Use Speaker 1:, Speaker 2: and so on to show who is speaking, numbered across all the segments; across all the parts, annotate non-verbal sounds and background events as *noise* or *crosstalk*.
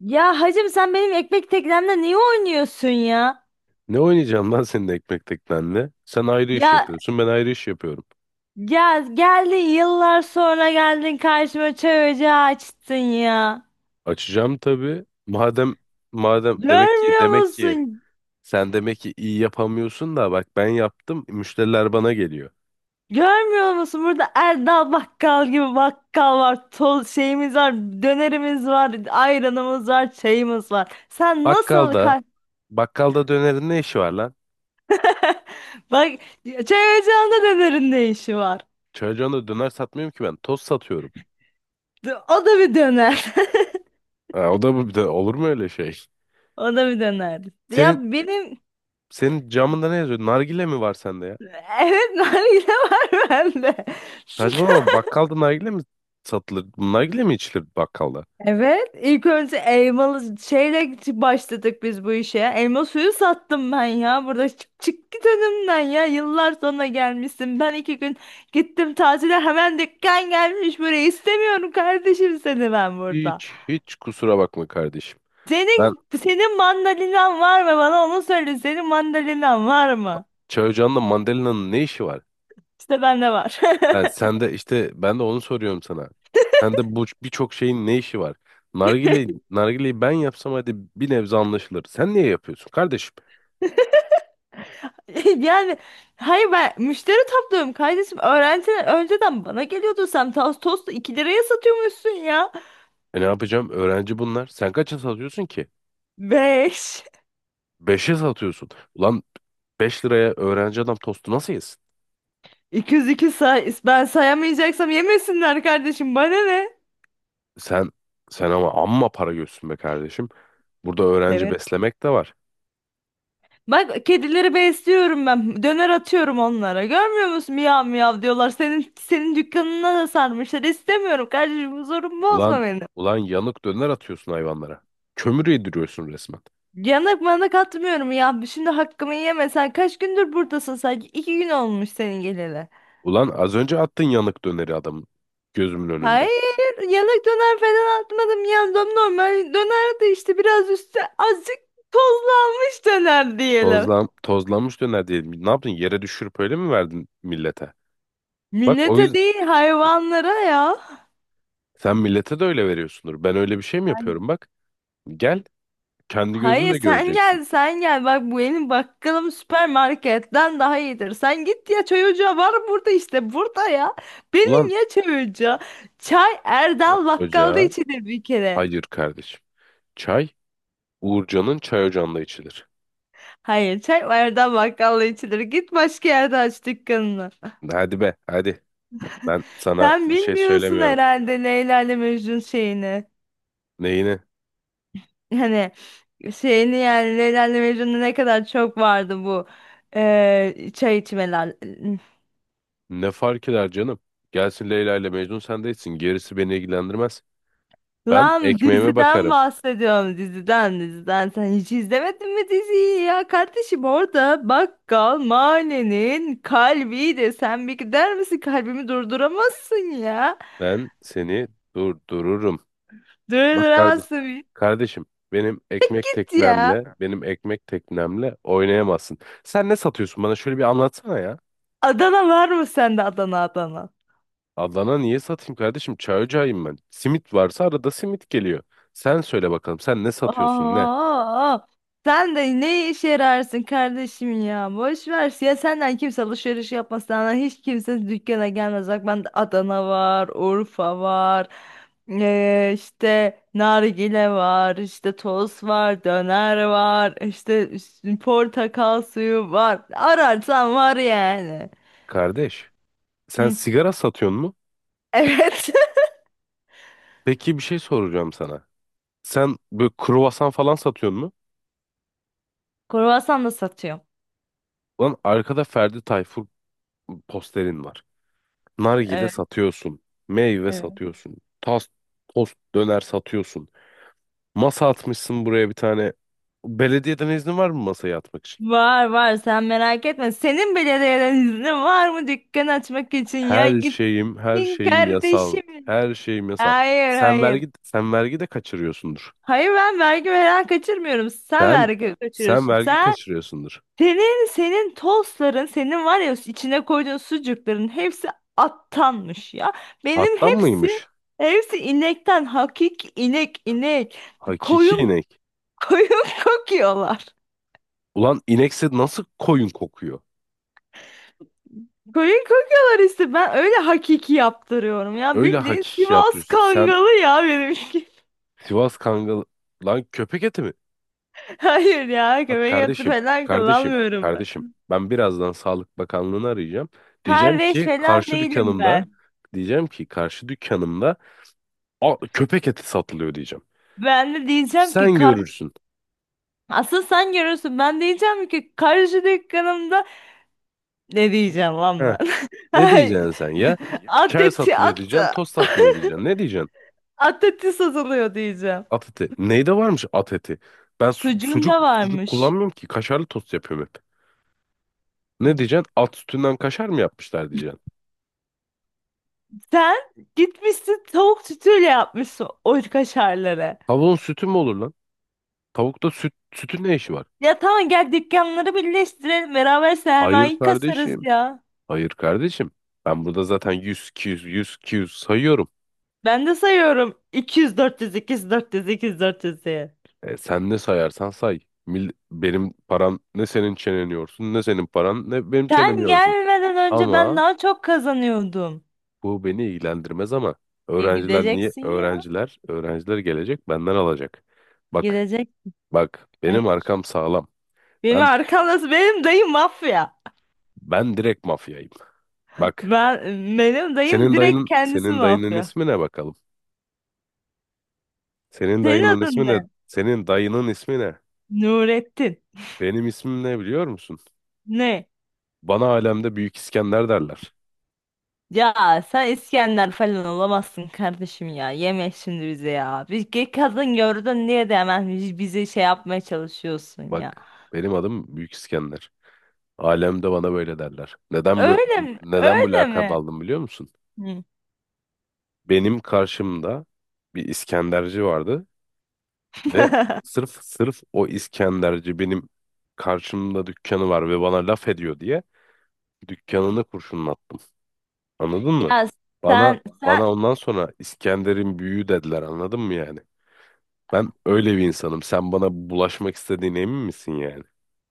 Speaker 1: Ya hacım sen benim ekmek teknemle niye oynuyorsun ya?
Speaker 2: Ne oynayacağım lan senin ekmek teknenle? Sen ayrı iş
Speaker 1: Ya
Speaker 2: yapıyorsun, ben ayrı iş yapıyorum.
Speaker 1: ya geldin yıllar sonra geldin karşıma çay ocağı açtın ya.
Speaker 2: Açacağım tabii. Madem demek ki
Speaker 1: Görmüyor
Speaker 2: demek ki
Speaker 1: musun?
Speaker 2: sen demek ki iyi yapamıyorsun da bak ben yaptım, müşteriler bana geliyor.
Speaker 1: Görmüyor musun? Burada Erdal Bakkal gibi bakkal var. Tol şeyimiz var, dönerimiz var, ayranımız var, çayımız var. Sen nasıl
Speaker 2: Bakkalda
Speaker 1: kar-
Speaker 2: bakkalda dönerin ne işi var lan?
Speaker 1: *laughs* Bak çay ocağında dönerin ne işi var?
Speaker 2: Çocuğuna da döner satmıyorum ki ben, toz satıyorum.
Speaker 1: O da bir döner. *laughs*
Speaker 2: Ha, o da olur mu öyle şey?
Speaker 1: O da bir döner.
Speaker 2: Senin
Speaker 1: Ya benim.
Speaker 2: senin camında ne yazıyor? Nargile mi var sende ya?
Speaker 1: Evet, *laughs* nargile var bende. *laughs*
Speaker 2: Saçmalama, bakkalda nargile mi satılır? Nargile mi içilir bakkalda?
Speaker 1: Evet, ilk önce elmalı şeyle başladık biz bu işe. Elma suyu sattım ben ya burada çık git önümden ya, yıllar sonra gelmişsin. Ben iki gün gittim tatile, hemen dükkan gelmiş buraya. İstemiyorum kardeşim seni ben burada.
Speaker 2: Hiç kusura bakma kardeşim. Ben
Speaker 1: Senin mandalinan var mı, bana onu söyle, senin mandalinan var mı?
Speaker 2: çay ocağında mandalinanın ne işi var?
Speaker 1: İşte bende var.
Speaker 2: Ha, sen de işte, ben de onu soruyorum sana. Sen de bu birçok şeyin ne işi var? Nargile, nargileyi ben yapsam hadi bir nebze anlaşılır. Sen niye yapıyorsun kardeşim?
Speaker 1: *laughs* *laughs* Yani hayır, ben müşteri topluyorum kardeşim. Öğrenci önceden bana geliyordu. Sen tostu 2 liraya satıyormuşsun ya.
Speaker 2: E ne yapacağım? Öğrenci bunlar. Sen kaça satıyorsun ki?
Speaker 1: Beş.
Speaker 2: Beşe satıyorsun. Ulan 5 liraya öğrenci adam tostu nasıl yesin?
Speaker 1: *laughs* 200, iki say. Ben sayamayacaksam yemesinler kardeşim. Bana ne?
Speaker 2: Sen sen ama amma para görsün be kardeşim. Burada öğrenci
Speaker 1: Evet.
Speaker 2: beslemek de var.
Speaker 1: Bak kedileri besliyorum ben. Döner atıyorum onlara. Görmüyor musun? Miyav miyav diyorlar. Senin dükkanına da sarmışlar. İstemiyorum kardeşim. Huzurumu
Speaker 2: Ulan
Speaker 1: bozma benim.
Speaker 2: ulan yanık döner atıyorsun hayvanlara. Kömür yediriyorsun resmen.
Speaker 1: Yanak manak atmıyorum ya. Şimdi hakkımı yeme. Sen kaç gündür buradasın sanki? 2 gün olmuş senin geleli.
Speaker 2: Ulan az önce attın yanık döneri adamın gözümün önünde.
Speaker 1: Hayır, yanak döner falan atmadım, yandım, normal dönerdi işte, biraz üstü azıcık tozlanmış döner diyelim.
Speaker 2: Tozlanmış döner diyelim. Ne yaptın? Yere düşürüp öyle mi verdin millete? Bak o
Speaker 1: Millete
Speaker 2: yüzden
Speaker 1: değil, hayvanlara ya.
Speaker 2: sen millete de öyle veriyorsundur. Ben öyle bir şey mi
Speaker 1: Ben-
Speaker 2: yapıyorum bak. Gel, kendi
Speaker 1: Hayır
Speaker 2: gözünle
Speaker 1: sen
Speaker 2: göreceksin.
Speaker 1: gel, sen gel bak, bu benim bakkalım süpermarketten daha iyidir. Sen git ya, çay ocağı var burada, işte burada ya.
Speaker 2: Ulan,
Speaker 1: Benim ya çay ocağı. Çay
Speaker 2: çay
Speaker 1: Erdal bakkalda
Speaker 2: ocağı
Speaker 1: içilir bir kere.
Speaker 2: hayır kardeşim. Çay Uğurcan'ın çay ocağında içilir.
Speaker 1: Hayır, çay Erdal bakkalda içilir. Git başka yerde aç dükkanını.
Speaker 2: Hadi be hadi. Ben sana
Speaker 1: Sen
Speaker 2: bir şey
Speaker 1: bilmiyorsun
Speaker 2: söylemiyorum.
Speaker 1: herhalde Leyla ile Mecnun şeyini.
Speaker 2: Neyini?
Speaker 1: Hani şeyini yani, Leyla ile Mecnun'da ne kadar çok vardı bu çay içmeler.
Speaker 2: Ne fark eder canım? Gelsin Leyla ile Mecnun, sen de içsin. Gerisi beni ilgilendirmez. Ben
Speaker 1: Lan
Speaker 2: ekmeğime
Speaker 1: diziden
Speaker 2: bakarım.
Speaker 1: bahsediyorum, diziden, diziden. Sen hiç izlemedin mi diziyi ya kardeşim, orada bakkal mahallenin kalbiydi. Sen bir gider misin, kalbimi durduramazsın ya.
Speaker 2: Ben seni durdururum. Bak kardeş,
Speaker 1: Durduramazsın, bir
Speaker 2: kardeşim benim ekmek
Speaker 1: git ya.
Speaker 2: teknemle, benim ekmek teknemle oynayamazsın. Sen ne satıyorsun bana, şöyle bir anlatsana ya.
Speaker 1: Adana var mı sende, Adana, Adana?
Speaker 2: Adana niye satayım kardeşim? Çay ocağıyım ben. Simit varsa arada simit geliyor. Sen söyle bakalım, sen ne satıyorsun ne?
Speaker 1: Aa, sen de ne işe yararsın kardeşim ya? Boş ver. Ya senden kimse alışveriş yapmaz. Senden hiç kimse dükkana gelmez. Bak bende Adana var, Urfa var. İşte nargile var, işte toz var, döner var, işte üst- portakal suyu var. Ararsan var yani.
Speaker 2: Kardeş, sen
Speaker 1: Hı.
Speaker 2: sigara satıyorsun mu?
Speaker 1: Evet.
Speaker 2: Peki bir şey soracağım sana. Sen böyle kruvasan falan satıyorsun mu?
Speaker 1: *laughs* Kruvasan da satıyorum.
Speaker 2: Lan arkada Ferdi Tayfur posterin var. Nargile
Speaker 1: Evet.
Speaker 2: satıyorsun. Meyve
Speaker 1: Evet.
Speaker 2: satıyorsun. Tas, tost, döner satıyorsun. Masa atmışsın buraya bir tane. Belediyeden iznin var mı masaya atmak için?
Speaker 1: Var var, sen merak etme. Senin belediyeden iznin var mı dükkan açmak için ya?
Speaker 2: Her şeyim, her
Speaker 1: Gittin
Speaker 2: şeyim yasal.
Speaker 1: kardeşim.
Speaker 2: Her şeyim yasal.
Speaker 1: Hayır,
Speaker 2: Sen
Speaker 1: hayır.
Speaker 2: vergi, sen vergi de kaçırıyorsundur.
Speaker 1: Hayır, ben vergi veren kaçırmıyorum. Sen
Speaker 2: Sen,
Speaker 1: vergi
Speaker 2: sen
Speaker 1: kaçırıyorsun.
Speaker 2: vergi
Speaker 1: Sen
Speaker 2: kaçırıyorsundur.
Speaker 1: senin senin tostların, senin var ya, içine koyduğun sucukların hepsi attanmış ya. Benim
Speaker 2: Attan
Speaker 1: hepsi
Speaker 2: mıymış?
Speaker 1: hepsi inekten, inek inek
Speaker 2: Hakiki
Speaker 1: koyun
Speaker 2: inek.
Speaker 1: koyun *laughs* kokuyorlar.
Speaker 2: Ulan inekse nasıl koyun kokuyor?
Speaker 1: Koyun kokuyorlar işte. Ben öyle hakiki yaptırıyorum ya.
Speaker 2: Öyle
Speaker 1: Bildiğin
Speaker 2: hakiki
Speaker 1: Sivas
Speaker 2: yaptırıyorsun. Sen
Speaker 1: Kangalı ya benimki.
Speaker 2: Sivas Kangal... Lan köpek eti mi?
Speaker 1: *laughs* Hayır ya,
Speaker 2: Bak
Speaker 1: köpek eti
Speaker 2: kardeşim,
Speaker 1: falan
Speaker 2: kardeşim,
Speaker 1: kullanmıyorum ben.
Speaker 2: kardeşim. Ben birazdan Sağlık Bakanlığı'nı arayacağım. Diyeceğim
Speaker 1: Kardeş
Speaker 2: ki
Speaker 1: falan
Speaker 2: karşı
Speaker 1: değilim
Speaker 2: dükkanımda,
Speaker 1: ben.
Speaker 2: diyeceğim ki karşı dükkanımda "Aa, köpek eti satılıyor," diyeceğim.
Speaker 1: Ben de diyeceğim ki
Speaker 2: Sen
Speaker 1: kardeş.
Speaker 2: görürsün.
Speaker 1: Asıl sen görürsün. Ben diyeceğim ki karşı dükkanımda, ne diyeceğim lan
Speaker 2: Heh.
Speaker 1: ben? *laughs*
Speaker 2: Ne
Speaker 1: Ay,
Speaker 2: diyeceksin sen ya? Ker
Speaker 1: ateti eti
Speaker 2: satılıyor
Speaker 1: at.
Speaker 2: diyeceksin, tost
Speaker 1: *laughs*
Speaker 2: satılıyor diyeceksin. Ne diyeceksin?
Speaker 1: At satılıyor diyeceğim.
Speaker 2: At eti. Neyde varmış at eti? Ben su-
Speaker 1: Sucuğun
Speaker 2: sucuk
Speaker 1: da
Speaker 2: sucuk
Speaker 1: varmış.
Speaker 2: kullanmıyorum ki. Kaşarlı tost yapıyorum hep. Ne diyeceksin? At sütünden kaşar mı yapmışlar diyeceksin.
Speaker 1: Sen gitmişsin tavuk sütüyle yapmışsın o kaşarları.
Speaker 2: Tavuğun sütü mü olur lan? Tavukta süt, sütün ne işi var?
Speaker 1: Ya tamam, gel dükkanları birleştirelim, beraber
Speaker 2: Hayır
Speaker 1: sermayeyi kasarız
Speaker 2: kardeşim.
Speaker 1: ya.
Speaker 2: Hayır kardeşim. Ben burada zaten 100, 200, 100, yüz sayıyorum.
Speaker 1: Ben de sayıyorum 200 400 200 400 200 400 diye.
Speaker 2: E, sen ne sayarsan say. Benim param ne senin çenen yorsun, ne senin paran ne benim çenemi
Speaker 1: Sen
Speaker 2: yorsun.
Speaker 1: gelmeden önce ben
Speaker 2: Ama
Speaker 1: daha çok kazanıyordum.
Speaker 2: bu beni ilgilendirmez ama
Speaker 1: Ya
Speaker 2: öğrenciler niye?
Speaker 1: gideceksin ya.
Speaker 2: Öğrenciler gelecek, benden alacak. Bak,
Speaker 1: Gidecek.
Speaker 2: bak benim
Speaker 1: Hayır.
Speaker 2: arkam sağlam.
Speaker 1: Benim
Speaker 2: Ben
Speaker 1: arkamda benim dayım mafya.
Speaker 2: ben direkt mafyayım. Bak
Speaker 1: Ben benim dayım
Speaker 2: senin
Speaker 1: direkt
Speaker 2: dayının
Speaker 1: kendisi
Speaker 2: senin dayının
Speaker 1: mafya.
Speaker 2: ismi ne bakalım? Senin
Speaker 1: Senin
Speaker 2: dayının
Speaker 1: adın
Speaker 2: ismi ne?
Speaker 1: ne?
Speaker 2: Senin dayının ismi ne?
Speaker 1: Nurettin.
Speaker 2: Benim ismim ne biliyor musun?
Speaker 1: Ne?
Speaker 2: Bana alemde Büyük İskender derler.
Speaker 1: Ya sen İskender falan olamazsın kardeşim ya. Yeme şimdi bize ya. Bir ge- kadın gördün, niye de hemen bizi şey yapmaya çalışıyorsun ya.
Speaker 2: Bak benim adım Büyük İskender. Alemde bana böyle derler. Neden bu
Speaker 1: Öyle mi?
Speaker 2: neden bu
Speaker 1: Öyle
Speaker 2: lakabı
Speaker 1: mi?
Speaker 2: aldım biliyor musun?
Speaker 1: Hı.
Speaker 2: Benim karşımda bir İskenderci vardı ve
Speaker 1: *laughs*
Speaker 2: sırf o İskenderci benim karşımda dükkanı var ve bana laf ediyor diye dükkanını kurşunlattım. Anladın mı?
Speaker 1: Ya
Speaker 2: Bana
Speaker 1: sen sen
Speaker 2: bana ondan sonra İskender'in büyüğü dediler, anladın mı yani? Ben öyle bir insanım. Sen bana bulaşmak istediğine emin misin yani?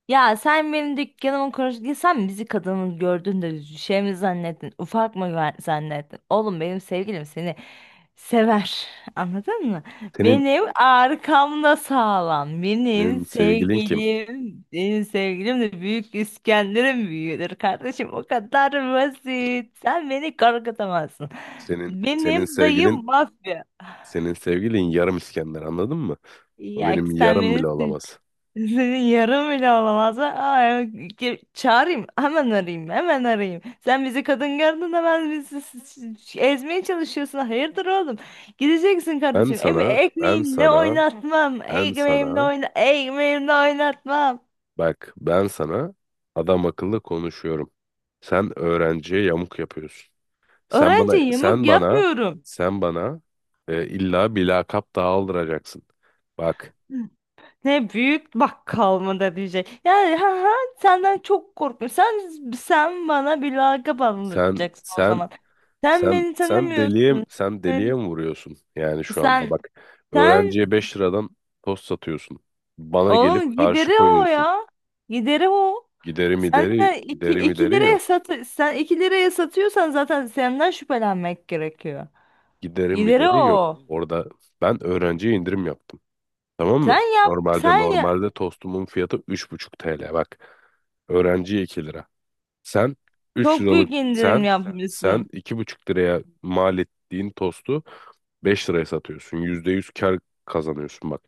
Speaker 1: sen benim dükkanımı konuştun. Sen bizi kadının gördün de şey mi zannettin? Ufak mı güven- zannettin? Oğlum benim sevgilim seni sever. Anladın mı?
Speaker 2: Senin
Speaker 1: Benim arkamda sağlam. Benim
Speaker 2: Senin sevgilin kim?
Speaker 1: sevgilim, benim sevgilim de Büyük İskender'in büyüğüdür kardeşim. O kadar basit. Sen beni korkutamazsın.
Speaker 2: Senin senin
Speaker 1: Benim
Speaker 2: sevgilin
Speaker 1: dayım mafya.
Speaker 2: senin sevgilin yarım İskender, anladın mı? O
Speaker 1: Ya
Speaker 2: benim
Speaker 1: sen
Speaker 2: yarım
Speaker 1: beni,
Speaker 2: bile olamaz.
Speaker 1: senin yarım bile olamaz. Aa, ge- çağırayım. Hemen arayayım. Hemen arayayım. Sen bizi kadın gördün, hemen bizi ezmeye çalışıyorsun. Hayırdır oğlum? Gideceksin
Speaker 2: Ben
Speaker 1: kardeşim. Em
Speaker 2: sana, ben
Speaker 1: ekmeğimle
Speaker 2: sana,
Speaker 1: oynatmam.
Speaker 2: ben
Speaker 1: Ekmeğimle
Speaker 2: sana,
Speaker 1: oyna ekmeğimle oynatmam.
Speaker 2: bak ben sana adam akıllı konuşuyorum. Sen öğrenciye yamuk yapıyorsun. Sen
Speaker 1: Öğrenci
Speaker 2: bana,
Speaker 1: yamuk
Speaker 2: sen bana,
Speaker 1: yapmıyorum.
Speaker 2: sen bana illa bir lakap daha aldıracaksın. Bak
Speaker 1: Ne, büyük bakkal mı da diyecek? Yani ha, ha, senden çok korkmuyorum. Sen bana bir lakap
Speaker 2: sen,
Speaker 1: anlatacaksın o
Speaker 2: sen
Speaker 1: zaman. Sen
Speaker 2: Sen
Speaker 1: beni
Speaker 2: sen deliye
Speaker 1: tanımıyorsun.
Speaker 2: sen deliye
Speaker 1: Ben-
Speaker 2: mi vuruyorsun? Yani şu anda
Speaker 1: Sen
Speaker 2: bak,
Speaker 1: Sen
Speaker 2: öğrenciye 5 liradan tost satıyorsun. Bana
Speaker 1: oğlum,
Speaker 2: gelip
Speaker 1: gideri
Speaker 2: karşı
Speaker 1: o
Speaker 2: koyuyorsun.
Speaker 1: ya. Gideri o.
Speaker 2: Giderim
Speaker 1: Sen
Speaker 2: ideri,
Speaker 1: de iki
Speaker 2: giderim
Speaker 1: iki
Speaker 2: ideri
Speaker 1: liraya
Speaker 2: yok.
Speaker 1: sat, sen 2 liraya satıyorsan zaten senden şüphelenmek gerekiyor.
Speaker 2: Giderim
Speaker 1: Gideri
Speaker 2: ideri yok.
Speaker 1: o.
Speaker 2: Orada ben öğrenciye indirim yaptım. Tamam
Speaker 1: Sen
Speaker 2: mı?
Speaker 1: yap
Speaker 2: Normalde
Speaker 1: sen ya,
Speaker 2: normalde tostumun fiyatı 3,5 TL bak. Öğrenciye 2 lira. Sen 3
Speaker 1: çok
Speaker 2: liralık
Speaker 1: büyük indirim
Speaker 2: sen sen
Speaker 1: yapmışsın.
Speaker 2: 2,5 liraya mal ettiğin tostu 5 liraya satıyorsun. %100 kar kazanıyorsun bak.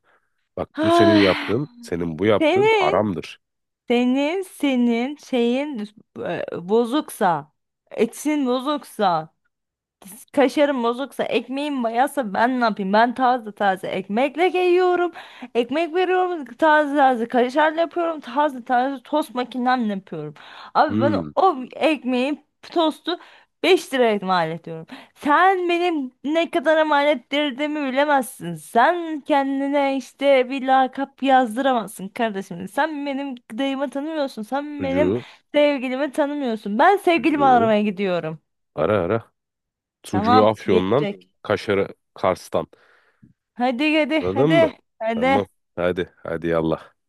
Speaker 2: Bak bu senin
Speaker 1: Ay,
Speaker 2: yaptığın, senin bu yaptığın
Speaker 1: senin
Speaker 2: haramdır.
Speaker 1: senin şeyin, bozuksa, etin bozuksa, kaşarım bozuksa, ekmeğim bayatsa ben ne yapayım? Ben taze taze ekmekle yiyorum. Ekmek veriyorum, taze taze kaşarla yapıyorum, taze taze tost makinemle yapıyorum. Abi ben
Speaker 2: Hmm,
Speaker 1: o ekmeği, tostu 5 liraya mal ediyorum. Sen benim ne kadar mal ettirdiğimi bilemezsin. Sen kendine işte bir lakap yazdıramazsın kardeşim. Sen benim dayımı tanımıyorsun. Sen benim
Speaker 2: sucuğu,
Speaker 1: sevgilimi tanımıyorsun. Ben sevgilimi
Speaker 2: sucuğu
Speaker 1: aramaya gidiyorum.
Speaker 2: ara ara. Sucuğu
Speaker 1: Tamam,
Speaker 2: Afyon'dan,
Speaker 1: gelecek.
Speaker 2: kaşarı Kars'tan.
Speaker 1: Hadi hadi
Speaker 2: Anladın mı?
Speaker 1: hadi.
Speaker 2: Tamam.
Speaker 1: Hadi.
Speaker 2: Hadi, hadi yallah.